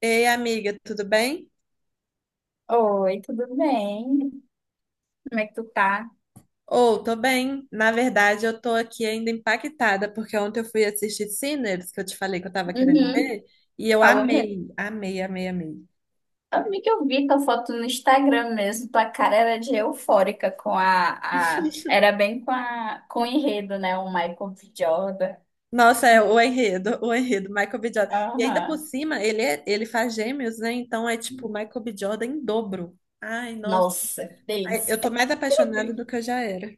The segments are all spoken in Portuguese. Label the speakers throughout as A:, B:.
A: Ei, amiga, tudo bem?
B: Oi, tudo bem? Como é que tu tá?
A: Ou, tô bem. Na verdade, eu tô aqui ainda impactada, porque ontem eu fui assistir Sinners, que eu te falei que eu tava querendo
B: Uhum.
A: ver, e eu
B: Falou mesmo.
A: amei, amei, amei, amei.
B: Amiga, eu vi tua foto no Instagram mesmo. Tua cara era de eufórica com a... Era bem com a... com o enredo, né? O Michael B. Jordan.
A: Nossa, é o enredo, Michael B. Jordan. E ainda por
B: Aham.
A: cima, ele faz gêmeos, né? Então é tipo Michael B. Jordan em dobro. Ai, nossa.
B: Nossa, que
A: Ai,
B: delícia.
A: eu tô mais apaixonada do que eu já era.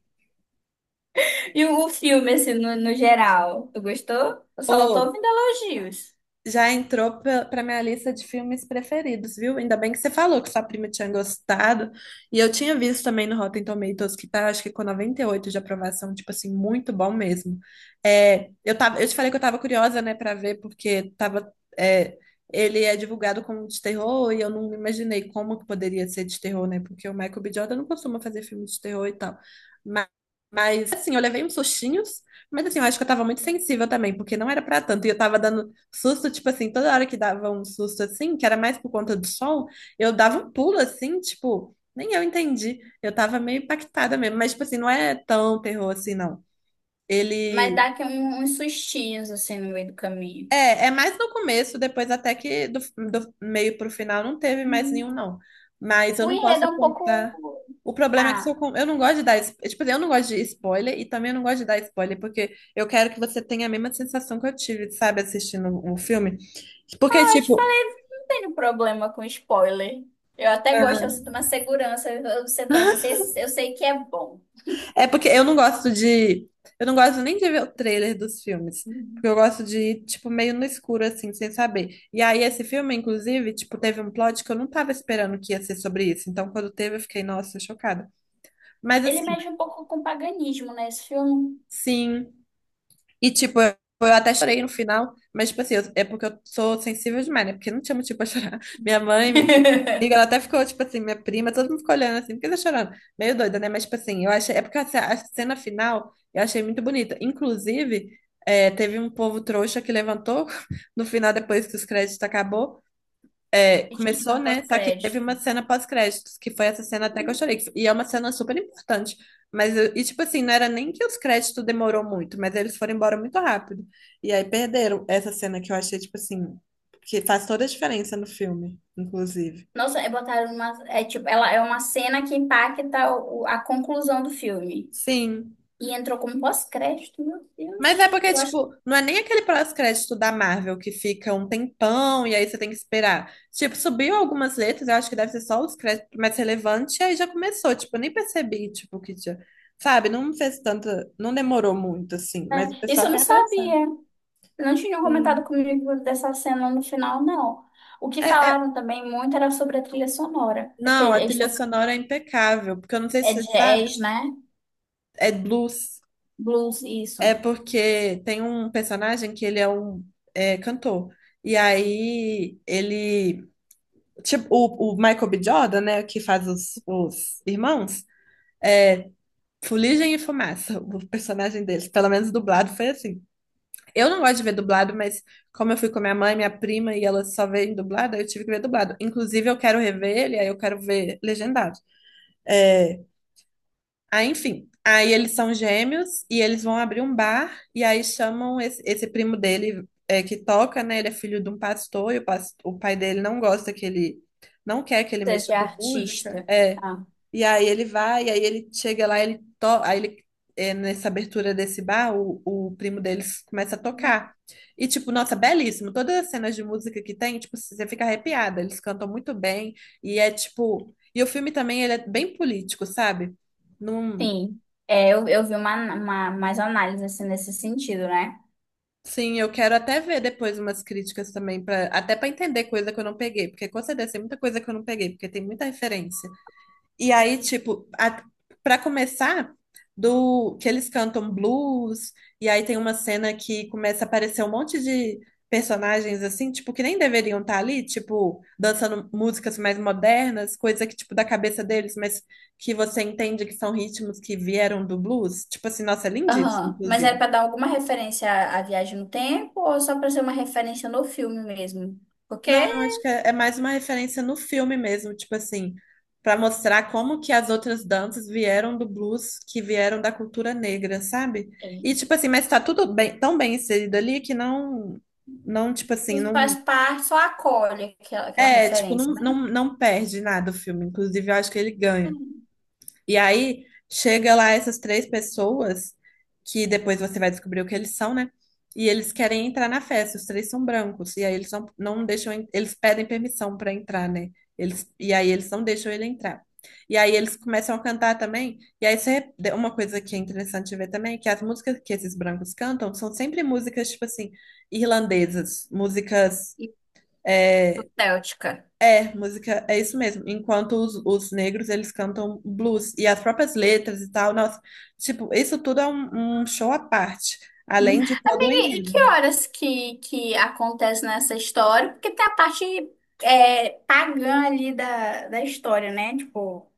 B: E o filme, assim, no geral, tu gostou? Eu só tô
A: Ô,
B: ouvindo elogios.
A: já entrou para minha lista de filmes preferidos, viu? Ainda bem que você falou que sua prima tinha gostado. E eu tinha visto também no Rotten Tomatoes que tá, acho que com 98 de aprovação, tipo assim, muito bom mesmo. É, eu te falei que eu tava curiosa, né, para ver, porque tava, é, ele é divulgado como de terror e eu não imaginei como que poderia ser de terror, né? Porque o Michael B. Jordan não costuma fazer filme de terror e tal. Mas, mas assim, eu levei uns sustinhos. Mas assim, eu acho que eu tava muito sensível também, porque não era pra tanto. E eu tava dando susto, tipo assim, toda hora que dava um susto assim, que era mais por conta do sol, eu dava um pulo assim, tipo, nem eu entendi. Eu tava meio impactada mesmo, mas tipo assim, não é tão terror assim, não.
B: Mas
A: Ele
B: dá aqui um- uns sustinhos, assim, no meio do caminho.
A: é mais no começo, depois até que do, do meio pro final não teve mais
B: Uhum.
A: nenhum, não. Mas eu
B: O
A: não
B: enredo
A: posso
B: é um
A: contar.
B: pouco...
A: O problema é que se eu,
B: Ah,
A: con- eu não gosto de dar, tipo, assim, eu não gosto de spoiler e também eu não gosto de dar spoiler, porque eu quero que você tenha a mesma sensação que eu tive, sabe, assistindo o filme. Porque, tipo,
B: tenho problema com spoiler. Eu até gosto, eu sinto uma segurança. Eu, você vai, você, eu sei que é bom.
A: é porque eu não gosto de. Eu não gosto nem de ver o trailer dos filmes.
B: Uhum.
A: Porque eu gosto de ir, tipo, meio no escuro, assim, sem saber. E aí, esse filme, inclusive, tipo, teve um plot que eu não tava esperando que ia ser sobre isso. Então, quando teve, eu fiquei, nossa, chocada. Mas,
B: Ele
A: assim,
B: mexe um pouco com paganismo, né, esse filme?
A: sim. E, tipo, eu até chorei no final. Mas, tipo, assim, eu- é porque eu sou sensível demais, né? Porque não tinha motivo pra chorar. Minha mãe amiga, ela até ficou, tipo assim, minha prima, todo mundo ficou olhando assim, porque tá chorando. Meio doida, né? Mas, tipo assim, eu achei. É porque assim, a cena final eu achei muito bonita. Inclusive, é, teve um povo trouxa que levantou no final, depois que os créditos acabou. É,
B: E tinha
A: começou,
B: uma
A: né? Só que teve
B: pós-crédito.
A: uma cena pós-créditos, que foi essa cena até que eu chorei. E é uma cena super importante. Mas, eu- e tipo assim, não era nem que os créditos demorou muito, mas eles foram embora muito rápido. E aí perderam essa cena que eu achei, tipo assim, que faz toda a diferença no filme, inclusive.
B: Nossa, é botaram uma. É, tipo, ela é uma cena que impacta o- a conclusão do filme.
A: Sim.
B: E entrou como pós-crédito, meu
A: Mas é
B: Deus.
A: porque,
B: Eu acho que.
A: tipo, não é nem aquele pós-crédito da Marvel que fica um tempão e aí você tem que esperar. Tipo, subiu algumas letras, eu acho que deve ser só os créditos mais relevantes, e aí já começou. Tipo, eu nem percebi, tipo, que tinha. Sabe, não fez tanta. Não demorou muito, assim, mas o
B: É. Isso
A: pessoal
B: eu não
A: quer apressar.
B: sabia. Não tinham comentado
A: Sim.
B: comigo dessa cena no final, não. O que
A: É, é-
B: falaram também muito era sobre a trilha sonora.
A: Não,
B: Aquele,
A: a trilha sonora é impecável, porque eu não sei se
B: é
A: você sabe,
B: jazz, né?
A: é blues.
B: Blues, isso.
A: É porque tem um personagem que ele é um, cantor. E aí ele, tipo, o Michael B. Jordan, né, que faz os irmãos, Fuligem e Fumaça, o personagem deles, pelo menos dublado foi assim. Eu não gosto de ver dublado, mas como eu fui com minha mãe, minha prima e elas só veem dublado, aí eu tive que ver dublado. Inclusive, eu quero rever ele, aí eu quero ver legendado. É, aí, enfim, aí eles são gêmeos e eles vão abrir um bar e aí chamam esse primo dele, que toca, né? Ele é filho de um pastor e o pai dele não gosta que ele, não quer que ele mexa
B: Seja
A: com música.
B: artista.
A: É.
B: Ah,
A: E aí ele vai, e aí ele chega lá, aí ele, nessa abertura desse bar, o primo deles começa a
B: uhum.
A: tocar. E tipo, nossa, belíssimo. Todas as cenas de música que tem, tipo, você fica arrepiada. Eles cantam muito bem e é tipo, e o filme também ele é bem político, sabe? Não,
B: Sim. É, eu vi uma mais análise assim, nesse sentido, né?
A: sim, eu quero até ver depois umas críticas também para até para entender coisa que eu não peguei, porque com certeza tem muita coisa que eu não peguei, porque tem muita referência. E aí, tipo, para começar do que eles cantam blues, e aí tem uma cena que começa a aparecer um monte de personagens assim, tipo, que nem deveriam estar ali, tipo, dançando músicas mais modernas, coisa que tipo da cabeça deles, mas que você entende que são ritmos que vieram do blues. Tipo assim, nossa, é lindíssimo,
B: Aham. Mas era
A: inclusive.
B: pra dar alguma referência à viagem no tempo ou só pra ser uma referência no filme mesmo? Porque
A: Não, acho que é mais uma referência no filme mesmo, tipo assim, para mostrar como que as outras danças vieram do blues, que vieram da cultura negra, sabe? E tipo assim, mas tá tudo bem, tão bem inserido ali que não, não, tipo assim,
B: isso
A: não,
B: faz parte, só acolhe aquela, aquela
A: é, tipo,
B: referência,
A: não,
B: né?
A: não, não perde nada o filme, inclusive eu acho que ele ganha.
B: Hum.
A: E aí chega lá essas três pessoas que depois você vai descobrir o que eles são, né? E eles querem entrar na festa, os três são brancos, e aí eles não deixam, eles pedem permissão para entrar, né? Eles, e aí eles não deixam ele entrar. E aí eles começam a cantar também, e aí você, uma coisa que é interessante ver também é que as músicas que esses brancos cantam são sempre músicas, tipo assim, irlandesas, músicas,
B: Isso,
A: é,
B: Céltica.
A: música, é isso mesmo. Enquanto os negros, eles cantam blues. E as próprias letras e tal, nossa. Tipo, isso tudo é um, um show à parte,
B: Hum.
A: além de todo o
B: Amiga, e
A: enredo.
B: que horas que acontece nessa história? Porque tem a parte é, pagã ali da história, né? Tipo,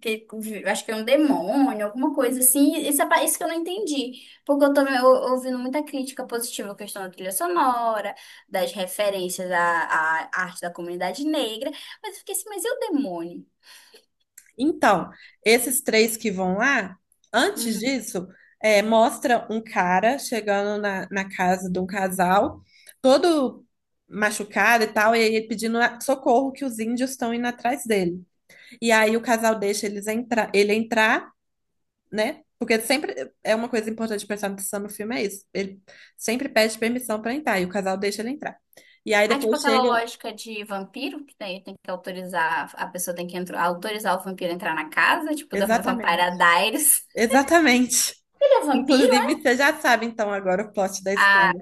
B: que, acho que é um demônio, alguma coisa assim. Isso, é, pa- isso que eu não entendi. Porque eu tô ou- ouvindo muita crítica positiva à questão da trilha sonora, das referências à, à arte da comunidade negra. Mas eu fiquei assim, mas e o demônio?
A: Então, esses três que vão lá, antes
B: Uhum.
A: disso, é, mostra um cara chegando na, na casa de um casal, todo machucado e tal, e aí ele pedindo socorro que os índios estão indo atrás dele. E aí o casal deixa eles entra ele entrar, né? Porque sempre é uma coisa importante de prestar atenção no filme, é isso. Ele sempre pede permissão para entrar e o casal deixa ele entrar. E aí
B: Ah, tipo
A: depois
B: aquela
A: chega.
B: lógica de vampiro, que daí tem que autorizar, a pessoa tem que entrar, autorizar o vampiro a entrar na casa, tipo da Vampira
A: Exatamente.
B: Diaries.
A: Exatamente.
B: Ele é vampiro, é?
A: Inclusive, você já sabe então agora o plot da
B: Ah,
A: história.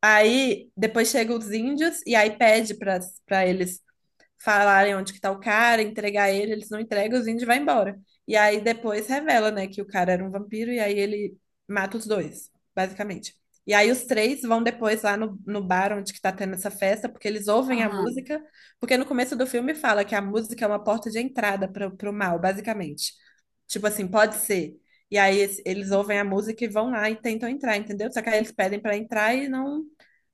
A: Aí depois chegam os índios e aí pede para eles falarem onde que tá o cara, entregar ele, eles não entregam, os índios vai embora. E aí depois revela, né, que o cara era um vampiro e aí ele mata os dois, basicamente. E aí os três vão depois lá no, no bar onde que tá tendo essa festa, porque eles ouvem a
B: aham.
A: música, porque no começo do filme fala que a música é uma porta de entrada para pro mal, basicamente. Tipo assim, pode ser. E aí eles ouvem a música e vão lá e tentam entrar, entendeu? Só que aí eles pedem para entrar e não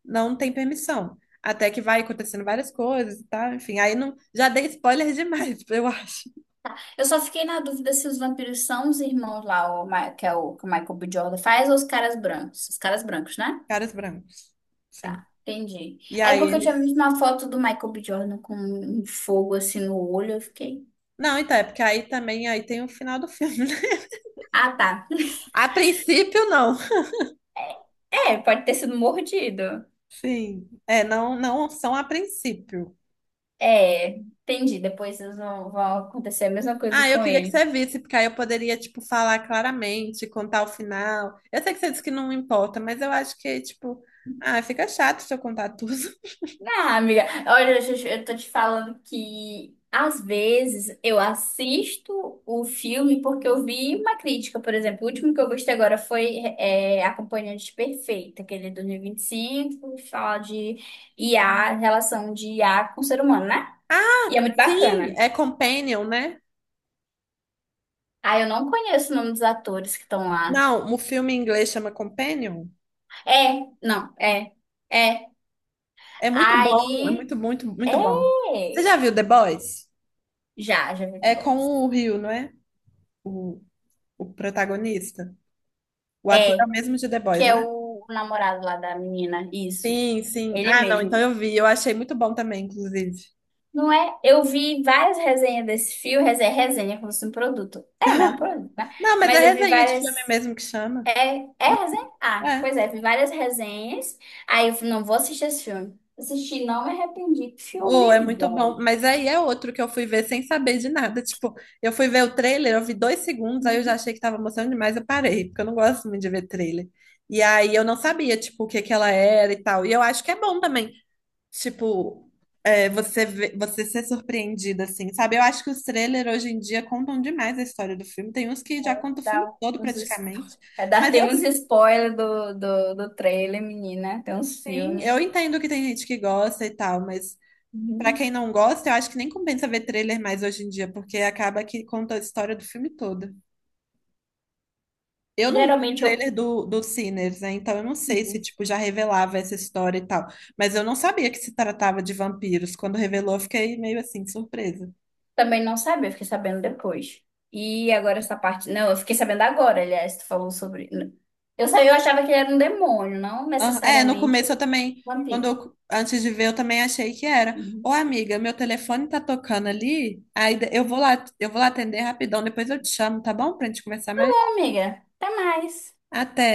A: não tem permissão. Até que vai acontecendo várias coisas e tal, enfim. Aí não, já dei spoiler demais, eu acho.
B: Eu só fiquei na dúvida se os vampiros são os irmãos lá, o Ma- que é o que o Michael B. Jordan faz, ou os caras brancos. Os caras brancos, né?
A: Caras brancos. Sim.
B: Tá, entendi.
A: E
B: Aí
A: aí
B: porque eu tinha
A: eles.
B: visto uma foto do Michael B. Jordan com um fogo assim no olho, eu fiquei.
A: Não, então, é porque aí também aí tem o final do filme, né?
B: Ah, tá.
A: A princípio, não.
B: É, pode ter sido mordido.
A: Sim. É, não, não são a princípio.
B: É, entendi. Depois eles vão, vão acontecer a mesma coisa
A: Ah, eu
B: com
A: queria que
B: ele.
A: você visse, porque aí eu poderia, tipo, falar claramente, contar o final. Eu sei que você disse que não importa, mas eu acho que, tipo, ah, fica chato se eu contar tudo.
B: Ah, amiga, olha, eu tô te falando que às vezes eu assisto o filme porque eu vi uma crítica, por exemplo. O último que eu gostei agora foi é, Acompanhante Perfeita, aquele de 2025, que fala de IA, relação de IA com o ser humano, né? E é muito
A: Sim,
B: bacana.
A: é Companion, né?
B: Ah, eu não conheço o nome dos atores que estão lá.
A: Não, o filme em inglês chama Companion.
B: É, não, é, é.
A: É muito bom, é
B: Aí,
A: muito, muito, muito bom. Você já
B: é.
A: viu The Boys?
B: Já, já vi The
A: É com
B: Boys.
A: o Rio, não é? O, o protagonista. O ator é o
B: É,
A: mesmo de The
B: que
A: Boys,
B: é
A: né?
B: o, namorado lá da menina, isso,
A: Sim, sim.
B: ele
A: Ah, não, então
B: mesmo.
A: eu vi. Eu achei muito bom também, inclusive.
B: Não é? Eu vi várias resenhas desse filme, resenha, resenha como se fosse um produto. É, mas é um produto, né?
A: Não, mas é
B: Mas eu vi
A: resenha de filme
B: várias.
A: mesmo que chama.
B: É, é resenha? Ah,
A: É.
B: pois é, vi várias resenhas. Aí eu falei, não vou assistir esse filme. Assisti, não me arrependi.
A: Oh, é
B: Filme
A: muito
B: bom.
A: bom. Mas aí é outro que eu fui ver sem saber de nada. Tipo, eu fui ver o trailer, eu vi 2 segundos, aí eu já
B: Uhum.
A: achei que tava mostrando demais, eu parei, porque eu não gosto muito de ver trailer. E aí eu não sabia, tipo, o que que ela era e tal. E eu acho que é bom também. Tipo, é, você vê- você ser surpreendida, assim, sabe? Eu acho que os trailers hoje em dia contam demais a história do filme. Tem uns que já contam o filme
B: Dá
A: todo,
B: uns, es-
A: praticamente.
B: é, dá,
A: Mas
B: tem
A: eu,
B: uns spoilers do, do, do trailer, menina. Tem uns
A: sim,
B: filmes.
A: eu entendo que tem gente que gosta e tal, mas pra
B: Uhum.
A: quem não gosta, eu acho que nem compensa ver trailer mais hoje em dia, porque acaba que conta a história do filme todo. Eu não vi o
B: Geralmente
A: trailer do, do Sinners, né? Então eu não sei se,
B: eu.
A: tipo, já revelava essa história e tal. Mas eu não sabia que se tratava de vampiros. Quando revelou, eu fiquei meio assim, surpresa.
B: Também não sabia, eu fiquei sabendo depois. E agora essa parte. Não, eu fiquei sabendo agora, aliás, tu falou sobre. Eu sabia, eu achava que ele era um demônio, não
A: Ah, é, no
B: necessariamente um
A: começo eu também, quando
B: vampiro.
A: eu, antes de ver, eu também achei que era.
B: Uhum.
A: Ô, amiga, meu telefone tá tocando ali. Aí de- eu vou lá atender rapidão, depois eu te chamo, tá bom? Pra gente conversar mais.
B: Bom, amiga, até mais.
A: Até.